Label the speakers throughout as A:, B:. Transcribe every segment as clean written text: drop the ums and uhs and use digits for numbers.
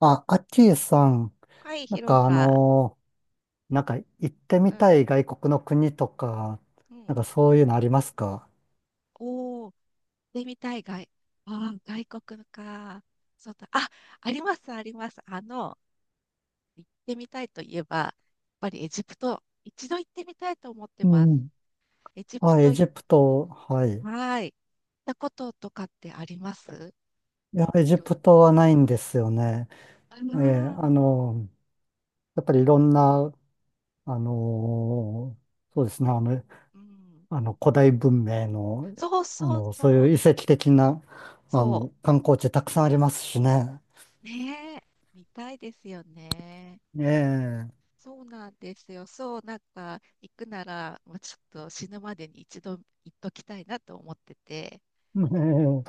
A: あ、アッキーさん、
B: はい、
A: なん
B: 広
A: かあ
B: さ。
A: のなんか行って
B: う
A: み
B: ん。
A: たい外国の国とか、
B: う
A: なん
B: ん。
A: かそういうのありますか？
B: おー、でみたい外。ああ、外国のか。そうだ。あ、あります、あります。行ってみたいといえば、やっぱりエジプト、一度行ってみたいと思って
A: う
B: ます。
A: ん。
B: エジプ
A: あ、
B: ト、
A: エ
B: はい。
A: ジプト、はい。
B: 行ったこととかってあります？
A: いや、エ
B: い
A: ジ
B: ろ
A: プトはないんですよね。
B: あの
A: ええ、
B: ー
A: やっぱりいろんな、そうですね、あの、
B: うん。
A: あの古代文明の、
B: そうそう
A: そう
B: そ
A: い
B: う。
A: う遺跡的な、
B: そ
A: 観光地たくさんありますしね。
B: う。ねえ。見たいですよね。
A: ええ、
B: そうなんですよ。そう、なんか、行くなら、もうちょっと死ぬまでに一度行っときたいなと思ってて、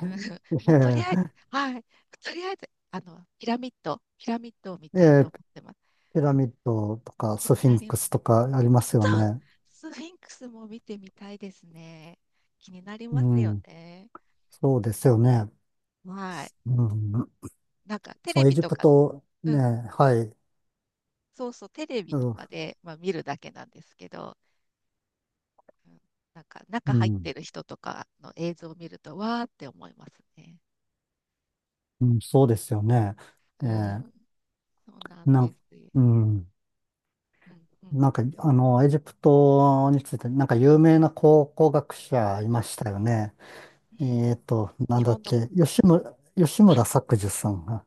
B: うん
A: ええ、
B: まあ、とりあえず、はい、とりあえず、ピラミッドを見
A: ええ、え
B: たいと
A: え、
B: 思ってます。
A: ピラミッドとか
B: 気
A: ス
B: に
A: フィ
B: な
A: ン
B: りま
A: クス
B: す。
A: とかありますよ
B: そう、
A: ね。
B: スフィンクスも見てみたいですね。気になり
A: う
B: ますよ
A: ん。
B: ね。
A: そうですよね。
B: はい。
A: うん。
B: なんか、テ
A: そ
B: レ
A: う、エ
B: ビ
A: ジ
B: と
A: プ
B: か、
A: ト、
B: う
A: ね、
B: ん、
A: はい。
B: そうそう、テレビとか
A: う
B: で、まあ、見るだけなんですけど、なんか中入っ
A: ん。
B: てる人とかの映像を見ると、わーって思いますね。
A: うん、そうですよね。え
B: う
A: ー、
B: ん、そうなん
A: な
B: で
A: ん、
B: すよ。
A: うん。
B: うんうん
A: エジプトについて、有名な考古学
B: うん
A: 者いましたよね。
B: うん。
A: な
B: 日
A: んだっ
B: 本の、
A: け、吉
B: あ、
A: 村作治さんが。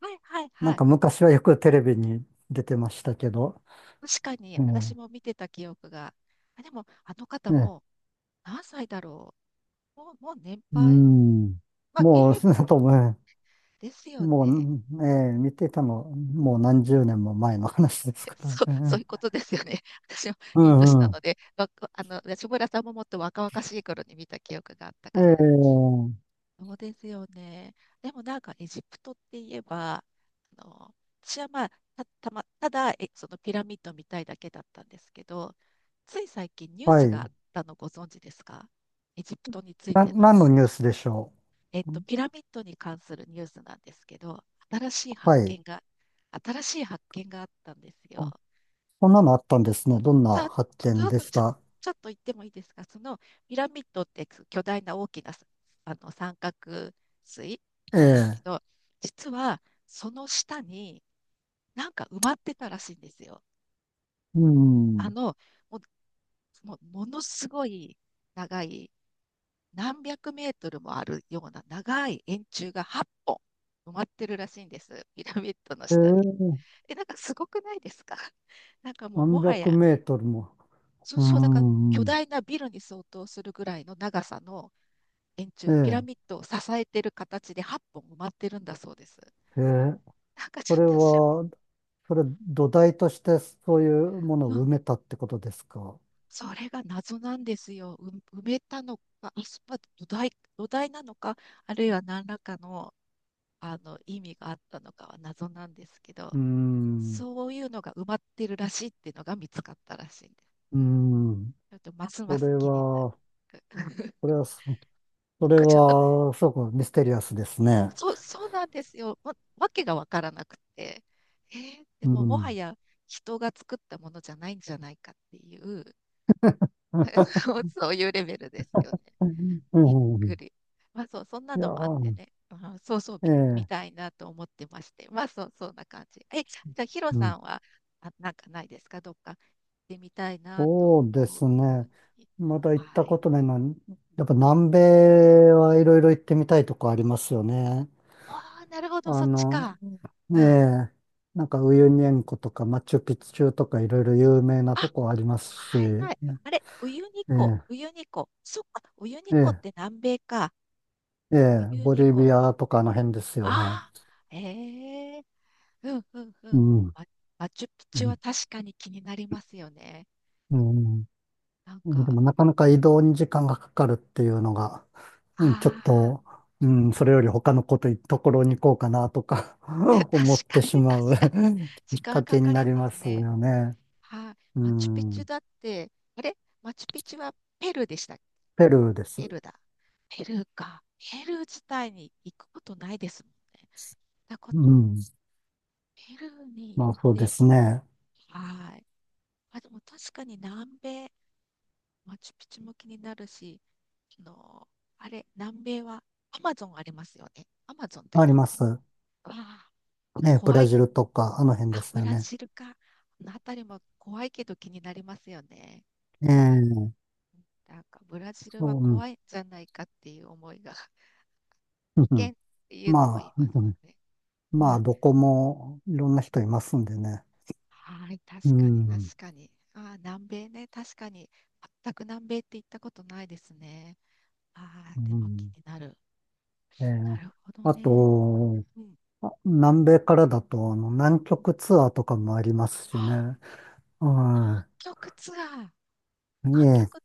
B: はいはい
A: なん
B: はい。
A: か昔はよくテレビに出てましたけど、
B: 確かに
A: え
B: 私も見てた記憶が。あ、でもあの方
A: え
B: も
A: ええ、
B: 何歳だろう？もう年
A: う
B: 配。
A: ん。
B: まあ現
A: もう、
B: 役
A: とも、
B: ですよ
A: も
B: ね。
A: う、見ていたの、もう何十年も前の話です か
B: そう、
A: ら
B: そうい
A: ね。
B: うことですよね。私も
A: う
B: いい年
A: ん
B: な
A: う
B: の
A: ん。
B: で、安村さんももっと若々しい頃に見た記憶があったから。
A: ええ、
B: そうですよね。でもなんかエジプトって言えば、あの、私はまあ、ただ、そのピラミッドみたいだけだったんですけど、つい最近ニュー
A: は
B: スがあっ
A: い。
B: たのご存知ですか？エジプトについ
A: な、
B: ての。
A: 何のニュースでしょう？
B: ピラミッドに関するニュースなんですけど、新しい発
A: はい。
B: 見が、新しい発見があったんです
A: あ、
B: よ。
A: そんなのあったんですね。どんな
B: さあ、
A: 発
B: ち
A: 見
B: ょっ
A: で
B: と、
A: し
B: ちょ、
A: た？
B: ちょっと言ってもいいですか？そのピラミッドって巨大な大きなさ、三角錐なんですけ
A: ええ、
B: ど、実はその下になんか埋まってたらしいんですよ。
A: う
B: あ
A: ん。
B: の、もうものすごい長い、何百メートルもあるような長い円柱が8本埋まってるらしいんです、ピラミッドの下に。
A: ええ、
B: なんかすごくないですか？ なんかもうも
A: 何
B: は
A: 百
B: や、
A: メートルも。
B: そう、
A: う
B: そう、だから巨
A: ん。
B: 大なビルに相当するぐらいの長さの円柱、ピラ
A: え
B: ミッ
A: え、
B: ドを支えてる形で8本埋まってるんだそうです。
A: ええ、
B: なんかち
A: そ
B: ょっ
A: れ
B: と
A: は、それ土台としてそういうもの
B: うん、
A: を埋めたってことですか？
B: それが謎なんですよ。埋めたのか、まあ土台なのか、あるいは何らかの、意味があったのかは謎なんですけ
A: う
B: ど、
A: ーん、う
B: そういうのが埋まってるらしいっていうのが見つかったらしいんです。
A: ーん。
B: ちょっとますま
A: そ
B: す
A: れ
B: 気になる。
A: は、それ は、そそれ
B: ちょっと
A: は、すごくミステリアスですね。
B: そう、そうなんですよ。わけがわからなくて。で
A: う
B: ももは
A: ん。
B: や人が作ったものじゃないんじゃないかっていう そうそういうレベルですよね。
A: う
B: びっく
A: ん。
B: り。まあそう、そんな
A: いや
B: のもあって
A: ー、
B: ね。あ、そうそう、
A: え
B: み見
A: え、
B: たいなと思ってまして。まあそう、そんな感じ。じゃあヒロ
A: う
B: さ
A: ん。
B: んは、あ、なんかないですか？どっか行ってみたいなと
A: そうで
B: 思
A: す
B: う
A: ね。
B: 国。
A: まだ行った
B: はい。
A: ことないのは、やっぱ
B: うん。
A: 南米はいろいろ行ってみたいとこありますよね。
B: ああ、なるほど、
A: あ
B: そっち
A: の、
B: か。
A: え
B: うん。
A: え、ウユニ塩湖とかマチュピチュとかいろいろ有名な
B: あ、
A: とこありますし、
B: はい
A: ね。
B: はい。あれ、ウユニ湖、
A: え
B: ウユニ湖。そっか、ウユニ
A: え、え
B: 湖って
A: え。
B: 南米か。
A: え
B: ウ
A: え、
B: ユ
A: ボ
B: ニ
A: リ
B: 湖。
A: ビアとかあの辺ですよ
B: あ
A: ね。
B: あ、ええ、うんうんう
A: う
B: ん。
A: ん。
B: マ、マチュピ
A: う
B: チュは
A: ん。
B: 確かに気になりますよね。
A: うん、
B: なん
A: で
B: か、
A: もなかなか移動に時間がかかるっていうのが、うん、ちょっ
B: ああ、
A: と、うん、それより他のところに行こうかなとか 思っ
B: 確
A: て
B: か
A: し
B: に
A: ま
B: 確
A: う
B: かに。時
A: きっか
B: 間か
A: けに
B: か
A: な
B: り
A: り
B: ま
A: ま
B: す
A: す
B: ね。
A: よね。
B: はい、
A: う
B: マチュピチュ
A: ん。
B: だって、あれ、マチュピチュはペルーでしたっけ？
A: ペルーで
B: ペ
A: す。
B: ルーだ。ペルーか。ペルー自体に行くことないですもんね。だからこ
A: うん。
B: ペルーに行っ
A: まあそうで
B: て、
A: すね。
B: はい。あ、でも確かに南米、マチュピチュも気になるし、あの、あれ、南米はアマゾンありますよね。アマゾンって
A: あり
B: 南
A: ま
B: 米？
A: す。
B: わあ、
A: ええ、ブ
B: 怖
A: ラ
B: い。
A: ジルとか、あの辺で
B: あ、
A: す
B: ブ
A: よ
B: ラ
A: ね。
B: ジルか。あの辺りも怖いけど気になりますよね。
A: ええ、
B: なんかブラジルは
A: そう、うん。
B: 怖いんじゃないかっていう思いが、
A: うんう
B: 危険
A: ん、
B: っていうのも言い
A: まあ、う
B: ますも
A: ん、
B: んね。う
A: まあ、
B: ん、
A: どこもいろんな人いますんでね。
B: はい、
A: う
B: 確かに
A: ん。
B: 確かに。ああ、南米ね、確かに。全く南米って行ったことないですね。ああ、
A: う
B: でも気
A: ん。
B: になる。
A: えー
B: なるほど
A: あ
B: ね。
A: と、
B: うん。
A: 南米からだと、南極ツアーとかもありますし
B: は
A: ね。
B: あ、南
A: は
B: 極ツアー。
A: い。い
B: 南
A: え、
B: 極、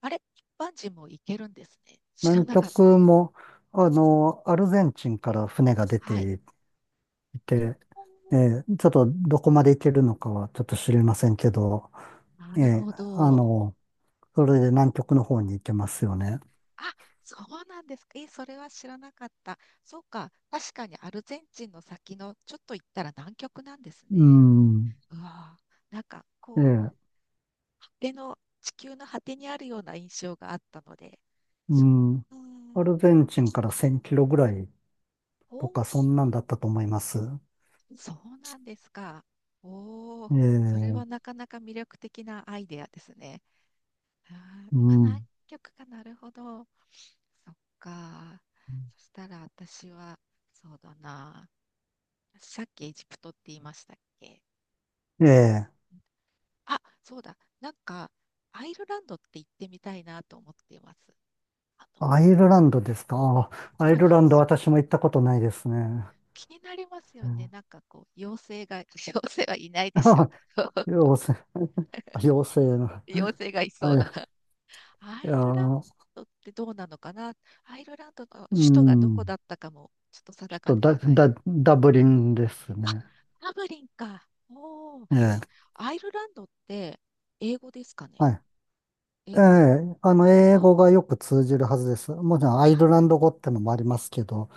B: あれ、一般人も行けるんですね。知ら
A: 南
B: なかった。
A: 極も、アルゼンチンから船が出
B: はい。
A: てい
B: お
A: て、え
B: お、
A: ちょっとどこまで行けるのかはちょっと知りませんけど、
B: な
A: え
B: る
A: ー
B: ほ
A: あ
B: ど。
A: の、それで南極の方に行けますよね。
B: あ、そうなんですか。え、それは知らなかった。そうか。確かにアルゼンチンの先のちょっと行ったら南極なんです
A: う
B: ね。
A: ん。
B: うわあ、なんか
A: え
B: こう、
A: え、
B: 果ての、地球の果てにあるような印象があったので。
A: う
B: そ
A: ん。
B: う。う
A: ア
B: ん。
A: ルゼンチンから1000キロぐらいとか、
B: お
A: そんなんだったと思います。
B: そうなんですか。おお、
A: え
B: それ
A: え、
B: はなかなか魅力的なアイデアですね。あー、う
A: う
B: わ、南
A: ん。
B: 極か、なるほど。そっか。そしたら私は、そうだな。さっきエジプトって言いましたっけ？
A: ええ、
B: あ、そうだ。なんか、アイルランドって行ってみたいなと思っています。あ
A: ア
B: の、
A: イルランドですか。アイ
B: はい、
A: ルランド私も行ったことないですね。
B: 気になります
A: う
B: よね。
A: ん、
B: なんかこう、妖精が、妖精はいないでしょう
A: あ、
B: けど、
A: 妖精、妖精の。
B: 妖精がいそう
A: は
B: な
A: い。
B: ア
A: いや
B: イルラン
A: ー、
B: ドってどうなのかな？アイルランドの
A: う
B: 首都がどこ
A: ん。
B: だったかもちょっと
A: ち
B: 定か
A: ょっと
B: で
A: ダ、
B: はない。
A: ダ、ダブリンです
B: あ、
A: ね。
B: ダブリンか。おお、
A: ええ、
B: アイルランドって英語ですかね？
A: はい。
B: 英
A: え
B: 語。
A: え、英
B: あ、
A: 語がよく通じるはずです。もちろ
B: あ
A: んアイルランド語ってのもありますけど、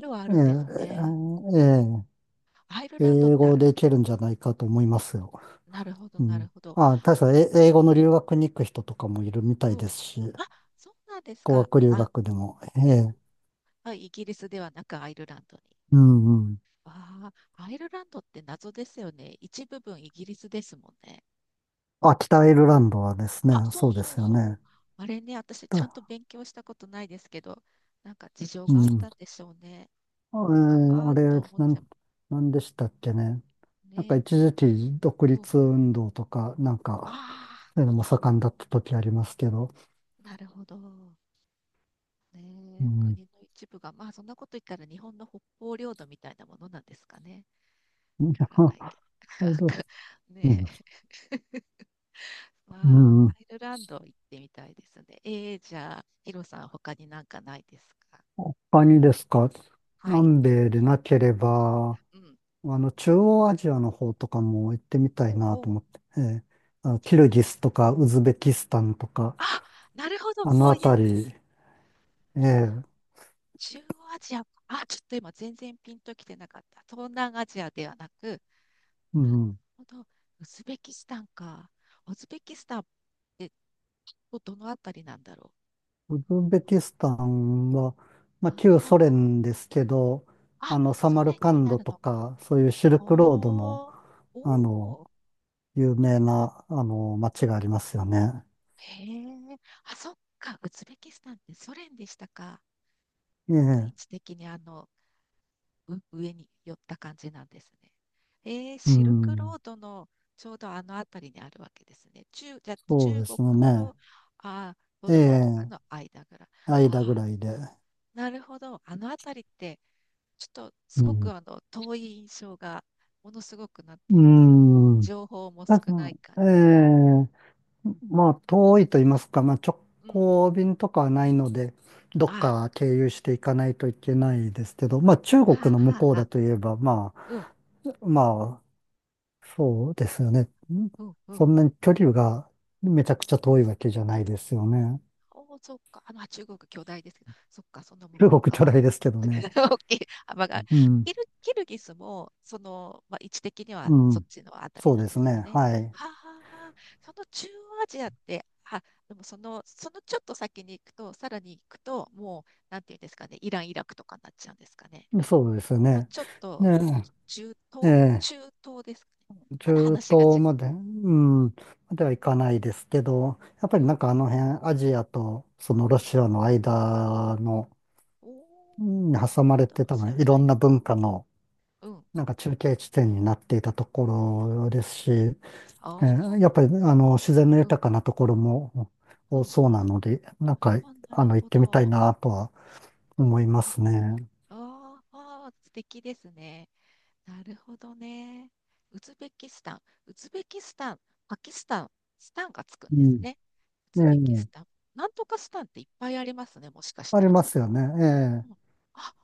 B: るはあ
A: え
B: る
A: え、
B: んですね。
A: ええ、ええ、
B: アイルランドっ
A: 英
B: て、
A: 語
B: あ、
A: でいけるんじゃないかと思いますよ。
B: なるほど、
A: う
B: なる
A: ん。
B: ほど。
A: あ、確か英語の留学に行く人とかもいるみた
B: う
A: い
B: ん。
A: ですし、
B: あ、そうなんです
A: 語
B: か。
A: 学留
B: あ、
A: 学でも。え
B: おー、
A: え。
B: あ、イギリスではなくアイルランドに。
A: うんうん。
B: ああ、アイルランドって謎ですよね。一部分イギリスですもんね。
A: あ、北アイルランドはですね、
B: あ、そう
A: そうで
B: そう
A: すよ
B: そう。
A: ね。
B: あれね、私ちゃん
A: だ、
B: と勉強したことないですけど、なんか事情
A: う
B: があっ
A: ん。
B: たんでしょうね。
A: あえ
B: なんか、あ
A: あ
B: あ、
A: れ、
B: と思って
A: なんでしたっけね。なんか
B: ね。
A: 一時期独
B: うん。
A: 立運動とか、なん
B: あ
A: か、そういうのも盛んだった時ありますけど。
B: あ、なるほど。
A: う
B: ねえ、
A: ん。
B: 国の一部が、まあそんなこと言ったら日本の北方領土みたいなものなんですかね。
A: いや、
B: わからないけど。
A: アイ
B: なん
A: ル、
B: か
A: う
B: ね
A: ん。
B: え、ま
A: う
B: あ、
A: ん。
B: アイルランド行ってみたいですね。ええ、じゃあ、ヒロさん、他になんかないですか？
A: 他にですか、
B: はい。
A: 南米でなければ、
B: うん。
A: 中央アジアの方とかも行ってみた
B: ほ
A: い
B: う
A: なと
B: ほ
A: 思って、ええ、
B: う。おー、
A: キルギスとかウズベキスタンとか、
B: あ、なるほど、
A: あの
B: そういう、なる
A: 辺り、
B: ほど、
A: ええ、
B: 中央アジアか、あ、ちょっと今全然ピンときてなかった。東南アジアではなく、なる
A: うん、
B: ほど、ウズベキスタンか。ウズベキスタンってどのあたりなんだろ
A: ウズベキス
B: う？
A: タンは、
B: 真
A: まあ、
B: ん
A: 旧
B: 中。
A: ソ連ですけど、
B: あ、
A: サ
B: ソ
A: マル
B: 連
A: カ
B: に
A: ン
B: な
A: ド
B: る
A: と
B: のか。
A: か、そういうシルクロードの、
B: おー、
A: あの、
B: おー、
A: 有名な、街がありますよね。
B: へえ。あ、そっか、ウズベキスタンってソ連でしたか。
A: え
B: そうだ、位
A: え、
B: 置的に上に寄った感じなんですね。
A: う
B: シルクロ
A: ん、
B: ードのちょうどあの辺りにあるわけですね。じゃあ
A: そう
B: 中
A: で
B: 国
A: すよね。
B: とトルコとか
A: え
B: の
A: え、
B: 間ぐらい。あ
A: 間ぐらいで。
B: ー、なるほど。あの辺りって、ちょっとす
A: う
B: ご
A: ん。
B: く遠い印象が、ものすごくなん
A: う
B: ていうんですか？
A: ーん。
B: 情報も
A: た
B: 少な
A: だ、
B: いから。
A: ええ、まあ、遠いと言いますか、まあ、直
B: うん。
A: 行便とかはないので、どっ
B: あ、
A: か経由していかないといけないですけど、まあ、中国
B: はあ
A: の向
B: はあ
A: こう
B: は
A: だ
B: あ。
A: といえば、ま
B: うん、
A: あ、まあ、そうですよね。
B: うん、う
A: そ
B: ん。
A: んなに距離がめちゃくちゃ遠いわけじゃないですよね。
B: おお、そっか。中国巨大ですけど、そっか、その向
A: 中
B: こう
A: 国巨
B: 側。
A: 大ですけどね。
B: 大きい幅がある。
A: うん、
B: キルギスも、まあ、位置的には
A: う
B: そっ
A: ん。
B: ちのあたり
A: そう
B: なん
A: で
B: で
A: す
B: すか
A: ね。
B: ね。
A: はい。
B: はあ、はあはあ、その中央アジアって、あ、でもそのちょっと先に行くと、さらに行くと、もう、なんていうんですかね、イラン、イラクとかになっちゃうんですかね。
A: そうですよ
B: もう
A: ね。
B: ちょっと、
A: ね
B: 中
A: え、え
B: 東
A: え、
B: 中東ですかね。まだ
A: 中
B: 話が違
A: 東
B: う。
A: まで、うん、までは行かないですけど、やっぱ
B: う
A: り
B: ん、う
A: な
B: ん、
A: んかあの辺、アジアとその
B: うん。う
A: ロ
B: ん、
A: シアの間の、
B: おー、
A: うんに
B: アジ
A: 挟ま
B: ア
A: れ
B: とロ
A: て多
B: シア
A: 分
B: の
A: いろ
B: 間。
A: んな文化の、
B: うん。
A: 中継地点になっていたところですし、
B: ああ、
A: やっぱり自然の
B: うん、
A: 豊かなところも
B: う
A: 多
B: ん。
A: そうなので、
B: あ、なる
A: 行っ
B: ほ
A: てみたい
B: ど。
A: なとは思いますね。
B: あーあー、素敵ですね。なるほどね。ウズベキスタン、ウズベキスタン、パキスタン、スタンがつくんです
A: う
B: ね。ウ
A: ん。え
B: ズベキスタン。
A: え、
B: なんとかスタンっていっぱいありますね、もしかし
A: あ
B: た
A: り
B: ら。
A: ますよね。え
B: うん、
A: え、
B: あ、パ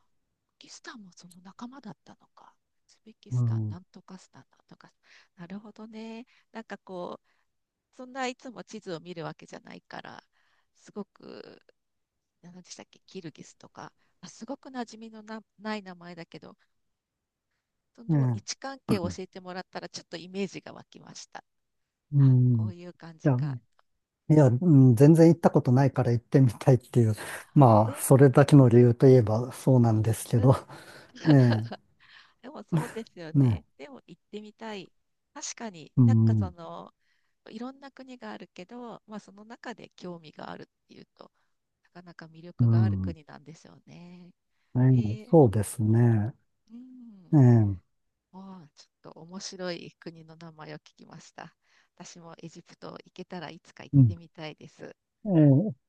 B: キスタンもその仲間だったのか。ウズベキ
A: う
B: スタン、な
A: ん。
B: んとかスタン、なんとかスタン。なるほどね。なんかこう、そんないつも地図を見るわけじゃないから、すごく、何でしたっけ、キルギスとか、すごく馴染みのない名前だけど、その位
A: え
B: 置
A: え、
B: 関係を教えてもらったら、ちょっとイメージが湧きました。
A: う
B: あ、こ
A: ん。い
B: ういう感じ
A: や
B: か。
A: いや、うん、全然行ったことないから行ってみたいっていう、
B: う
A: まあ、それだ
B: ん、
A: けの理由といえばそうなんですけ
B: う
A: ど、
B: ん。
A: ね
B: でもそうですよ
A: え、ね、
B: ね。でも行ってみたい。確かに
A: う
B: なんか
A: ん、
B: いろんな国があるけど、まあその中で興味があるっていうと、なかなか魅
A: う
B: 力がある
A: ん、
B: 国なんですよね。
A: え
B: え
A: え、
B: ー、
A: そうですね、
B: うん。
A: ええ、
B: ああ、ちょっと面白い国の名前を聞きました。私もエジプト行けたらいつか行っ
A: うん、
B: てみたいです。
A: ええ